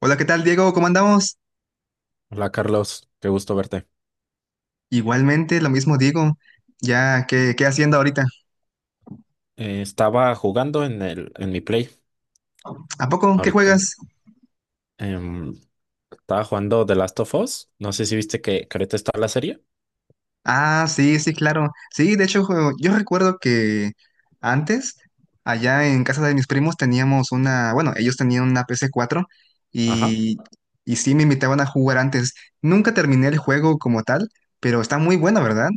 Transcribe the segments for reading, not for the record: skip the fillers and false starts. Hola, ¿qué tal, Diego? ¿Cómo andamos? Hola Carlos, qué gusto verte. Igualmente, lo mismo digo. Ya, ¿qué haciendo ahorita? Estaba jugando en mi Play ¿A poco? ¿Qué ahorita. juegas? Em, Estaba jugando The Last of Us. No sé si viste que ahorita está la serie. Ah, sí, sí, claro. Sí, de hecho, yo recuerdo que antes, allá en casa de mis primos, teníamos una, bueno, ellos tenían una pc 4 Ajá. y, y sí me invitaban a jugar antes. Nunca terminé el juego como tal, pero está muy bueno, ¿verdad?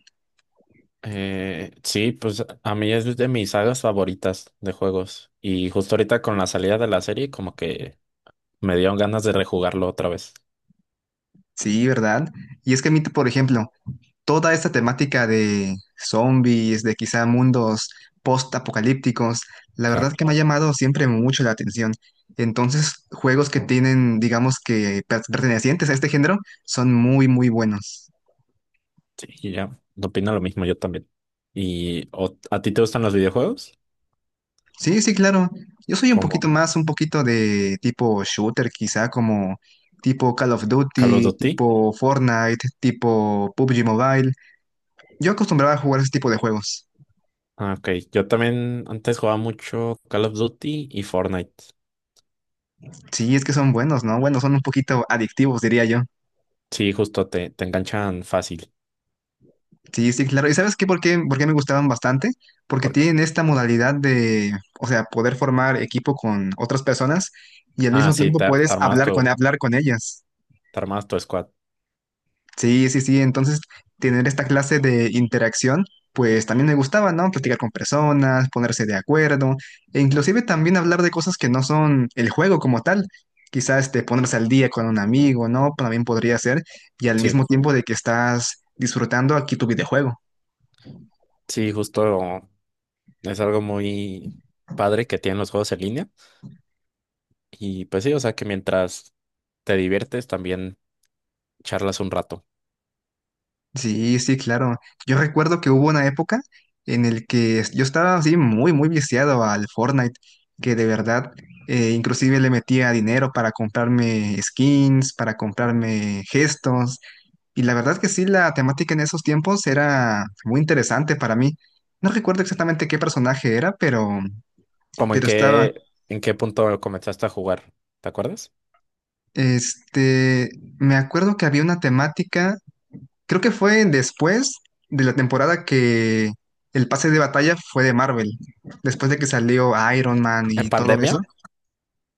Sí, pues a mí es de mis sagas favoritas de juegos. Y justo ahorita con la salida de la serie, como que me dieron ganas de rejugarlo otra vez. Sí, ¿verdad? Y es que a mí, por ejemplo, toda esta temática de zombies, de quizá mundos post-apocalípticos, la verdad Claro. que me ha llamado siempre mucho la atención. Entonces, juegos que tienen, digamos que pertenecientes a este género, son muy, muy buenos. Sí, y ya. Opino lo mismo yo también. ¿Y a ti te gustan los videojuegos? Sí, sí, claro. Yo soy un Como poquito más, un poquito de tipo shooter, quizá como tipo Call of Call of Duty, Duty. tipo Fortnite, tipo PUBG Mobile. Yo acostumbraba a jugar ese tipo de juegos. Ah, ok. Yo también antes jugaba mucho Call of Duty y Fortnite. Sí, es que son buenos, ¿no? Bueno, son un poquito adictivos, diría yo. Sí, justo te enganchan fácil. Sí, sí, claro. ¿Y sabes qué? ¿Por qué me gustaban bastante? Porque por- tienen esta modalidad de, o sea, poder formar equipo con otras personas y al Ah, mismo sí, tiempo te puedes hablar con, hablar con ellas. te armabas tu squad. Sí, sí, sí. Entonces, tener esta clase de interacción, pues también me gustaba, ¿no? Platicar con personas, ponerse de acuerdo, e inclusive también hablar de cosas que no son el juego como tal. Quizás este, ponerse al día con un amigo, ¿no? También podría ser. Y al Sí, mismo tiempo de que estás disfrutando aquí tu videojuego. sí, justo es algo muy padre que tienen los juegos en línea. Y pues sí, o sea que mientras te diviertes también charlas un rato. Sí, sí, claro. Yo recuerdo que hubo una época en el que yo estaba así muy, muy viciado al Fortnite, que de verdad, inclusive le metía dinero para comprarme skins, para comprarme gestos. Y la verdad que sí, la temática en esos tiempos era muy interesante para mí. No recuerdo exactamente qué personaje era, pero, ¿Cómo en pero estaba. qué, en qué punto comenzaste a jugar? ¿Te acuerdas? Este, me acuerdo que había una temática. Creo que fue después de la temporada que el pase de batalla fue de Marvel, después de que salió Iron Man ¿En y todo eso. pandemia?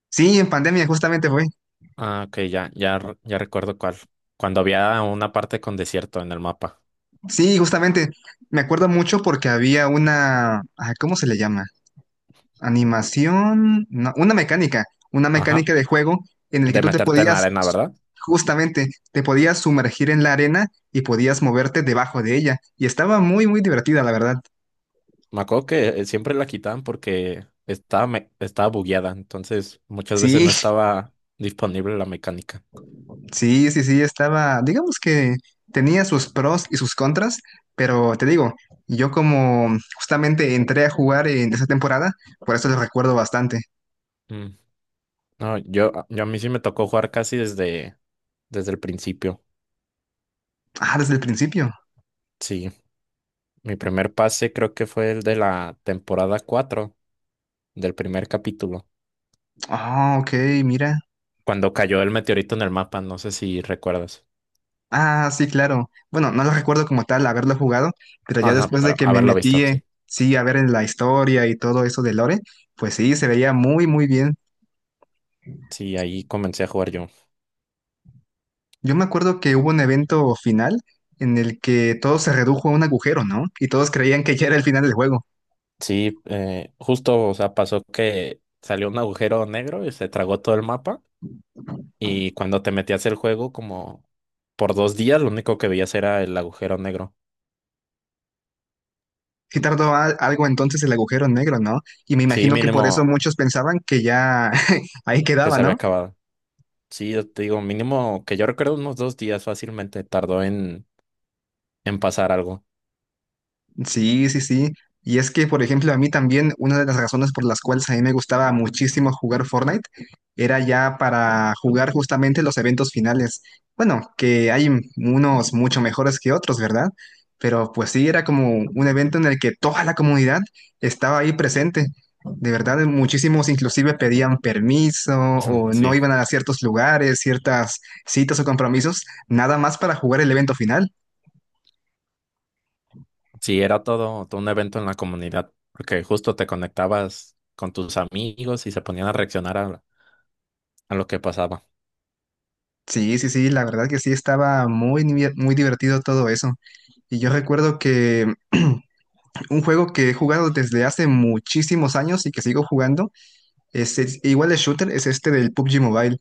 Sí, en pandemia justamente fue. Ah, ok, ya, ya, ya recuerdo cuál. Cuando había una parte con desierto en el mapa. Sí, justamente. Me acuerdo mucho porque había una, ah, ¿cómo se le llama? Animación, no, una mecánica, una Ajá. mecánica de juego en el que De tú te meterte en la podías, arena, ¿verdad? justamente, te podías sumergir en la arena y podías moverte debajo de ella. Y estaba muy, muy divertida, la verdad. Me acuerdo que siempre la quitaban porque estaba bugueada, entonces muchas veces Sí, no estaba disponible la mecánica. sí, sí, sí, estaba, digamos que tenía sus pros y sus contras, pero te digo, yo como justamente entré a jugar en esa temporada, por eso lo recuerdo bastante. Mm. No, yo a mí sí me tocó jugar casi desde el principio. Ah, desde el principio. Sí, mi primer pase creo que fue el de la temporada 4 del primer capítulo, Ah, ok, mira. cuando cayó el meteorito en el mapa, no sé si recuerdas. Ah, sí, claro. Bueno, no lo recuerdo como tal haberlo jugado, pero ya Ajá, después de pero que me haberlo visto, metí, sí. sí, a ver en la historia y todo eso de Lore, pues sí, se veía muy, muy bien. Sí, ahí comencé a jugar yo. Yo me acuerdo que hubo un evento final en el que todo se redujo a un agujero, ¿no? Y todos creían que ya era el final del juego. Sí, justo, o sea, pasó que salió un agujero negro y se tragó todo el mapa. Y cuando te metías el juego, como por 2 días, lo único que veías era el agujero negro. Sí tardó algo entonces el agujero negro, ¿no? Y me Sí, imagino que por eso mínimo muchos pensaban que ya ahí que quedaba, se había ¿no? acabado. Sí, yo te digo, mínimo que yo recuerdo unos 2 días fácilmente tardó en pasar algo. Sí, sí, sí. Y es que, por ejemplo, a mí también una de las razones por las cuales a mí me gustaba muchísimo jugar Fortnite era ya para jugar justamente los eventos finales. Bueno, que hay unos mucho mejores que otros, ¿verdad? Pero pues sí, era como un evento en el que toda la comunidad estaba ahí presente. De verdad, muchísimos inclusive pedían permiso o no Sí, iban a ciertos lugares, ciertas citas o compromisos, nada más para jugar el evento final. sí, era todo un evento en la comunidad, porque justo te conectabas con tus amigos y se ponían a reaccionar a lo que pasaba. Sí, sí, sí, la verdad que sí, estaba muy, muy divertido todo eso. Y yo recuerdo que un juego que he jugado desde hace muchísimos años y que sigo jugando, es, igual de shooter, es este del PUBG Mobile,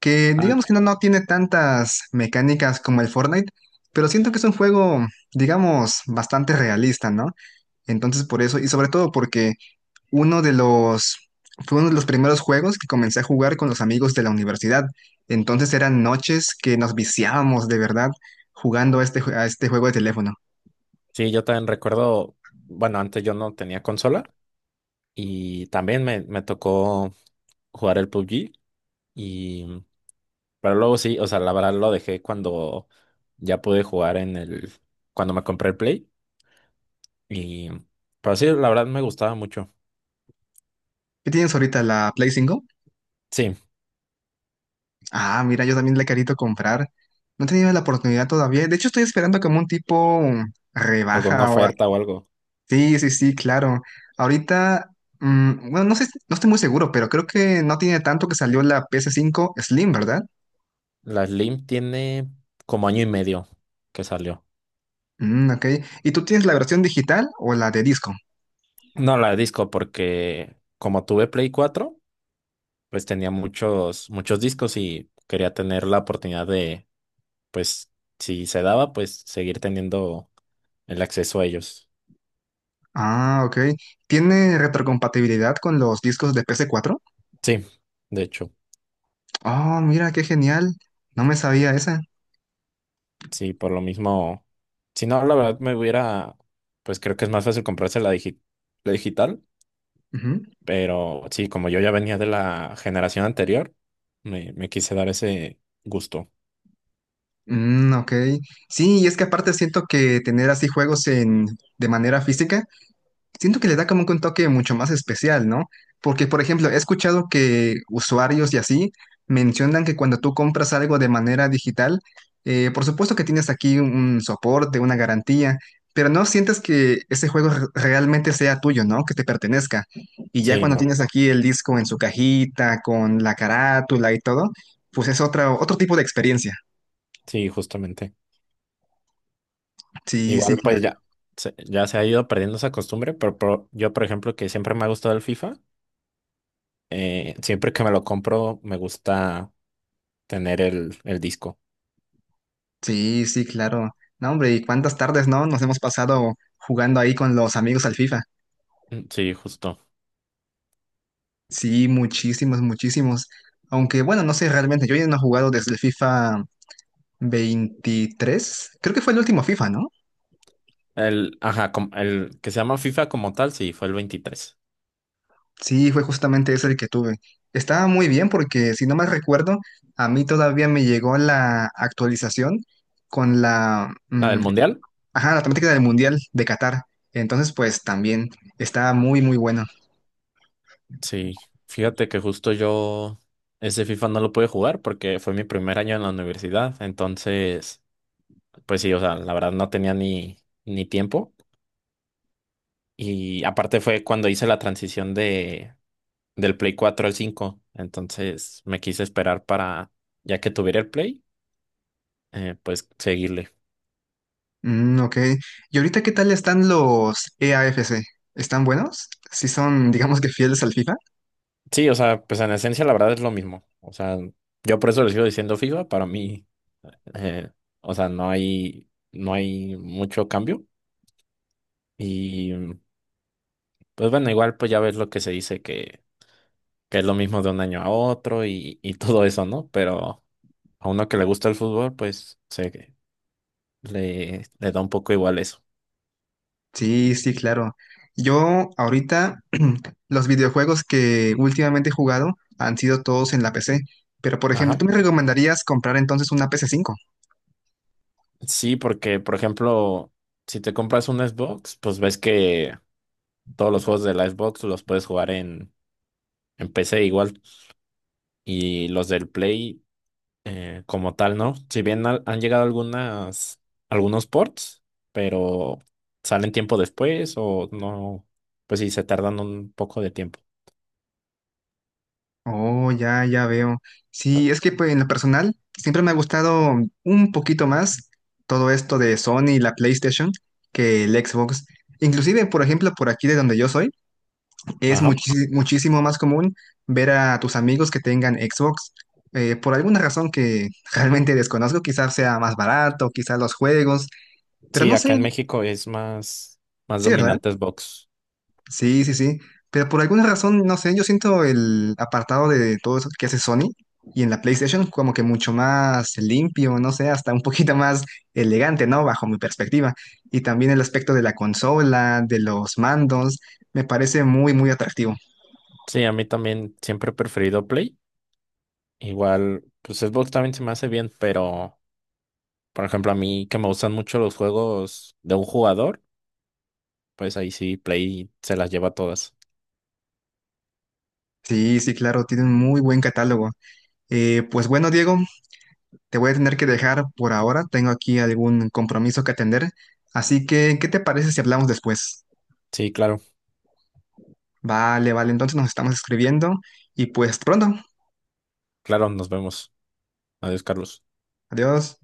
que digamos que no tiene tantas mecánicas como el Fortnite, pero siento que es un juego, digamos, bastante realista, ¿no? Entonces por eso, y sobre todo porque uno de los, fue uno de los primeros juegos que comencé a jugar con los amigos de la universidad. Entonces eran noches que nos viciábamos de verdad jugando a este juego de teléfono. Sí, yo también recuerdo, bueno, antes yo no tenía consola y también me tocó jugar el PUBG y, pero luego sí, o sea, la verdad lo dejé cuando ya pude jugar cuando me compré el Play y, pero sí, la verdad me gustaba mucho. ¿Qué tienes ahorita, la Play 5? Sí, Ah, mira, yo también la he querido comprar. No he tenido la oportunidad todavía. De hecho, estoy esperando como un tipo alguna rebaja oferta o algo. Sí, sí, sí, claro. Ahorita, bueno, no sé, no estoy muy seguro, pero creo que no tiene tanto que salió la ps 5 Slim, ¿verdad? La Slim tiene como año y medio que salió. Mm, ok. ¿Y tú tienes la versión digital o la de disco? No, la de disco porque como tuve Play 4, pues tenía muchos, muchos discos y quería tener la oportunidad de pues si se daba, pues seguir teniendo el acceso a ellos. Ah, ok. ¿Tiene retrocompatibilidad con los discos de ps 4? Sí, de hecho, Oh, mira, qué genial. No me sabía esa. sí, por lo mismo, si no, la verdad me hubiera, pues creo que es más fácil comprarse la digital, Ujú. pero sí, como yo ya venía de la generación anterior, me quise dar ese gusto. Mm, ok. Sí, y es que aparte siento que tener así juegos de manera física siento que le da como que un toque mucho más especial, ¿no? Porque, por ejemplo, he escuchado que usuarios y así mencionan que cuando tú compras algo de manera digital, por supuesto que tienes aquí un soporte, una garantía, pero no sientes que ese juego realmente sea tuyo, ¿no? Que te pertenezca. Y ya Sí, cuando no, tienes aquí el disco en su cajita, con la carátula y todo, pues es otra, otro tipo de experiencia. sí, justamente. Sí, sí, Igual, claro. pues ya se ha ido perdiendo esa costumbre, pero, yo, por ejemplo, que siempre me ha gustado el FIFA, siempre que me lo compro, me gusta tener el disco. Sí, sí, claro. No, hombre, ¿y cuántas tardes, no? Nos hemos pasado jugando ahí con los amigos al FIFA. Mm, sí, justo. Sí, muchísimos, muchísimos. Aunque bueno, no sé realmente, yo ya no he jugado desde el FIFA 23. Creo que fue el último FIFA, ¿no? Ajá, el que se llama FIFA como tal, sí, fue el 23. Sí, fue justamente ese el que tuve. Estaba muy bien porque, si no mal recuerdo, a mí todavía me llegó la actualización con la, ¿La del Mundial? ajá, la temática del Mundial de Qatar. Entonces, pues también estaba muy, muy bueno. Sí. Fíjate que justo yo ese FIFA no lo pude jugar porque fue mi primer año en la universidad. Entonces, pues sí, o sea, la verdad no tenía ni tiempo. Y aparte fue cuando hice la transición del Play 4 al cinco. Entonces me quise esperar para, ya que tuviera el Play, pues seguirle. Mm, ok. ¿Y ahorita qué tal están los EAFC? ¿Están buenos? ¿Sí son, digamos que fieles al FIFA? Sí, o sea, pues en esencia la verdad es lo mismo. O sea, yo por eso le sigo diciendo FIFA, para mí, eh, o sea, no hay mucho cambio. Y pues bueno, igual pues ya ves lo que se dice que es lo mismo de un año a otro y todo eso, ¿no? Pero a uno que le gusta el fútbol, pues se le da un poco igual eso. Sí, sí, claro. Yo ahorita los videojuegos que últimamente he jugado han sido todos en la PC, pero por ejemplo, Ajá. ¿tú me recomendarías comprar entonces una pc 5? Sí, porque por ejemplo, si te compras un Xbox, pues ves que todos los juegos de la Xbox los puedes jugar en PC igual. Y los del Play como tal, ¿no? Si bien han llegado algunos ports, pero salen tiempo después o no, pues sí, se tardan un poco de tiempo. Oh, ya, ya veo. Ah, Sí, es que pues, en lo personal siempre me ha gustado un poquito más todo esto de Sony y la PlayStation que el Xbox. Inclusive, por ejemplo, por aquí de donde yo soy. Es ajá. Muchísimo más común ver a tus amigos que tengan Xbox. Por alguna razón que realmente desconozco, quizás sea más barato, quizás los juegos, pero Sí, no acá sé, en México es más sí, ¿verdad? dominante Xbox. Sí, sí, sí. Pero por alguna razón, no sé, yo siento el apartado de todo eso que hace Sony y en la PlayStation como que mucho más limpio, no sé, hasta un poquito más elegante, ¿no? Bajo mi perspectiva. Y también el aspecto de la consola, de los mandos, me parece muy, muy atractivo. Sí, a mí también siempre he preferido Play. Igual, pues Xbox también se me hace bien, pero por ejemplo, a mí que me gustan mucho los juegos de un jugador, pues ahí sí Play se las lleva todas. Sí, sí, claro, tiene un muy buen catálogo. Pues bueno, Diego, te voy a tener que dejar por ahora. Tengo aquí algún compromiso que atender. Así que, ¿qué te parece si hablamos después? Sí, claro, Vale, vale, entonces nos estamos escribiendo y pues pronto. claro, nos vemos. Adiós, Carlos. Adiós.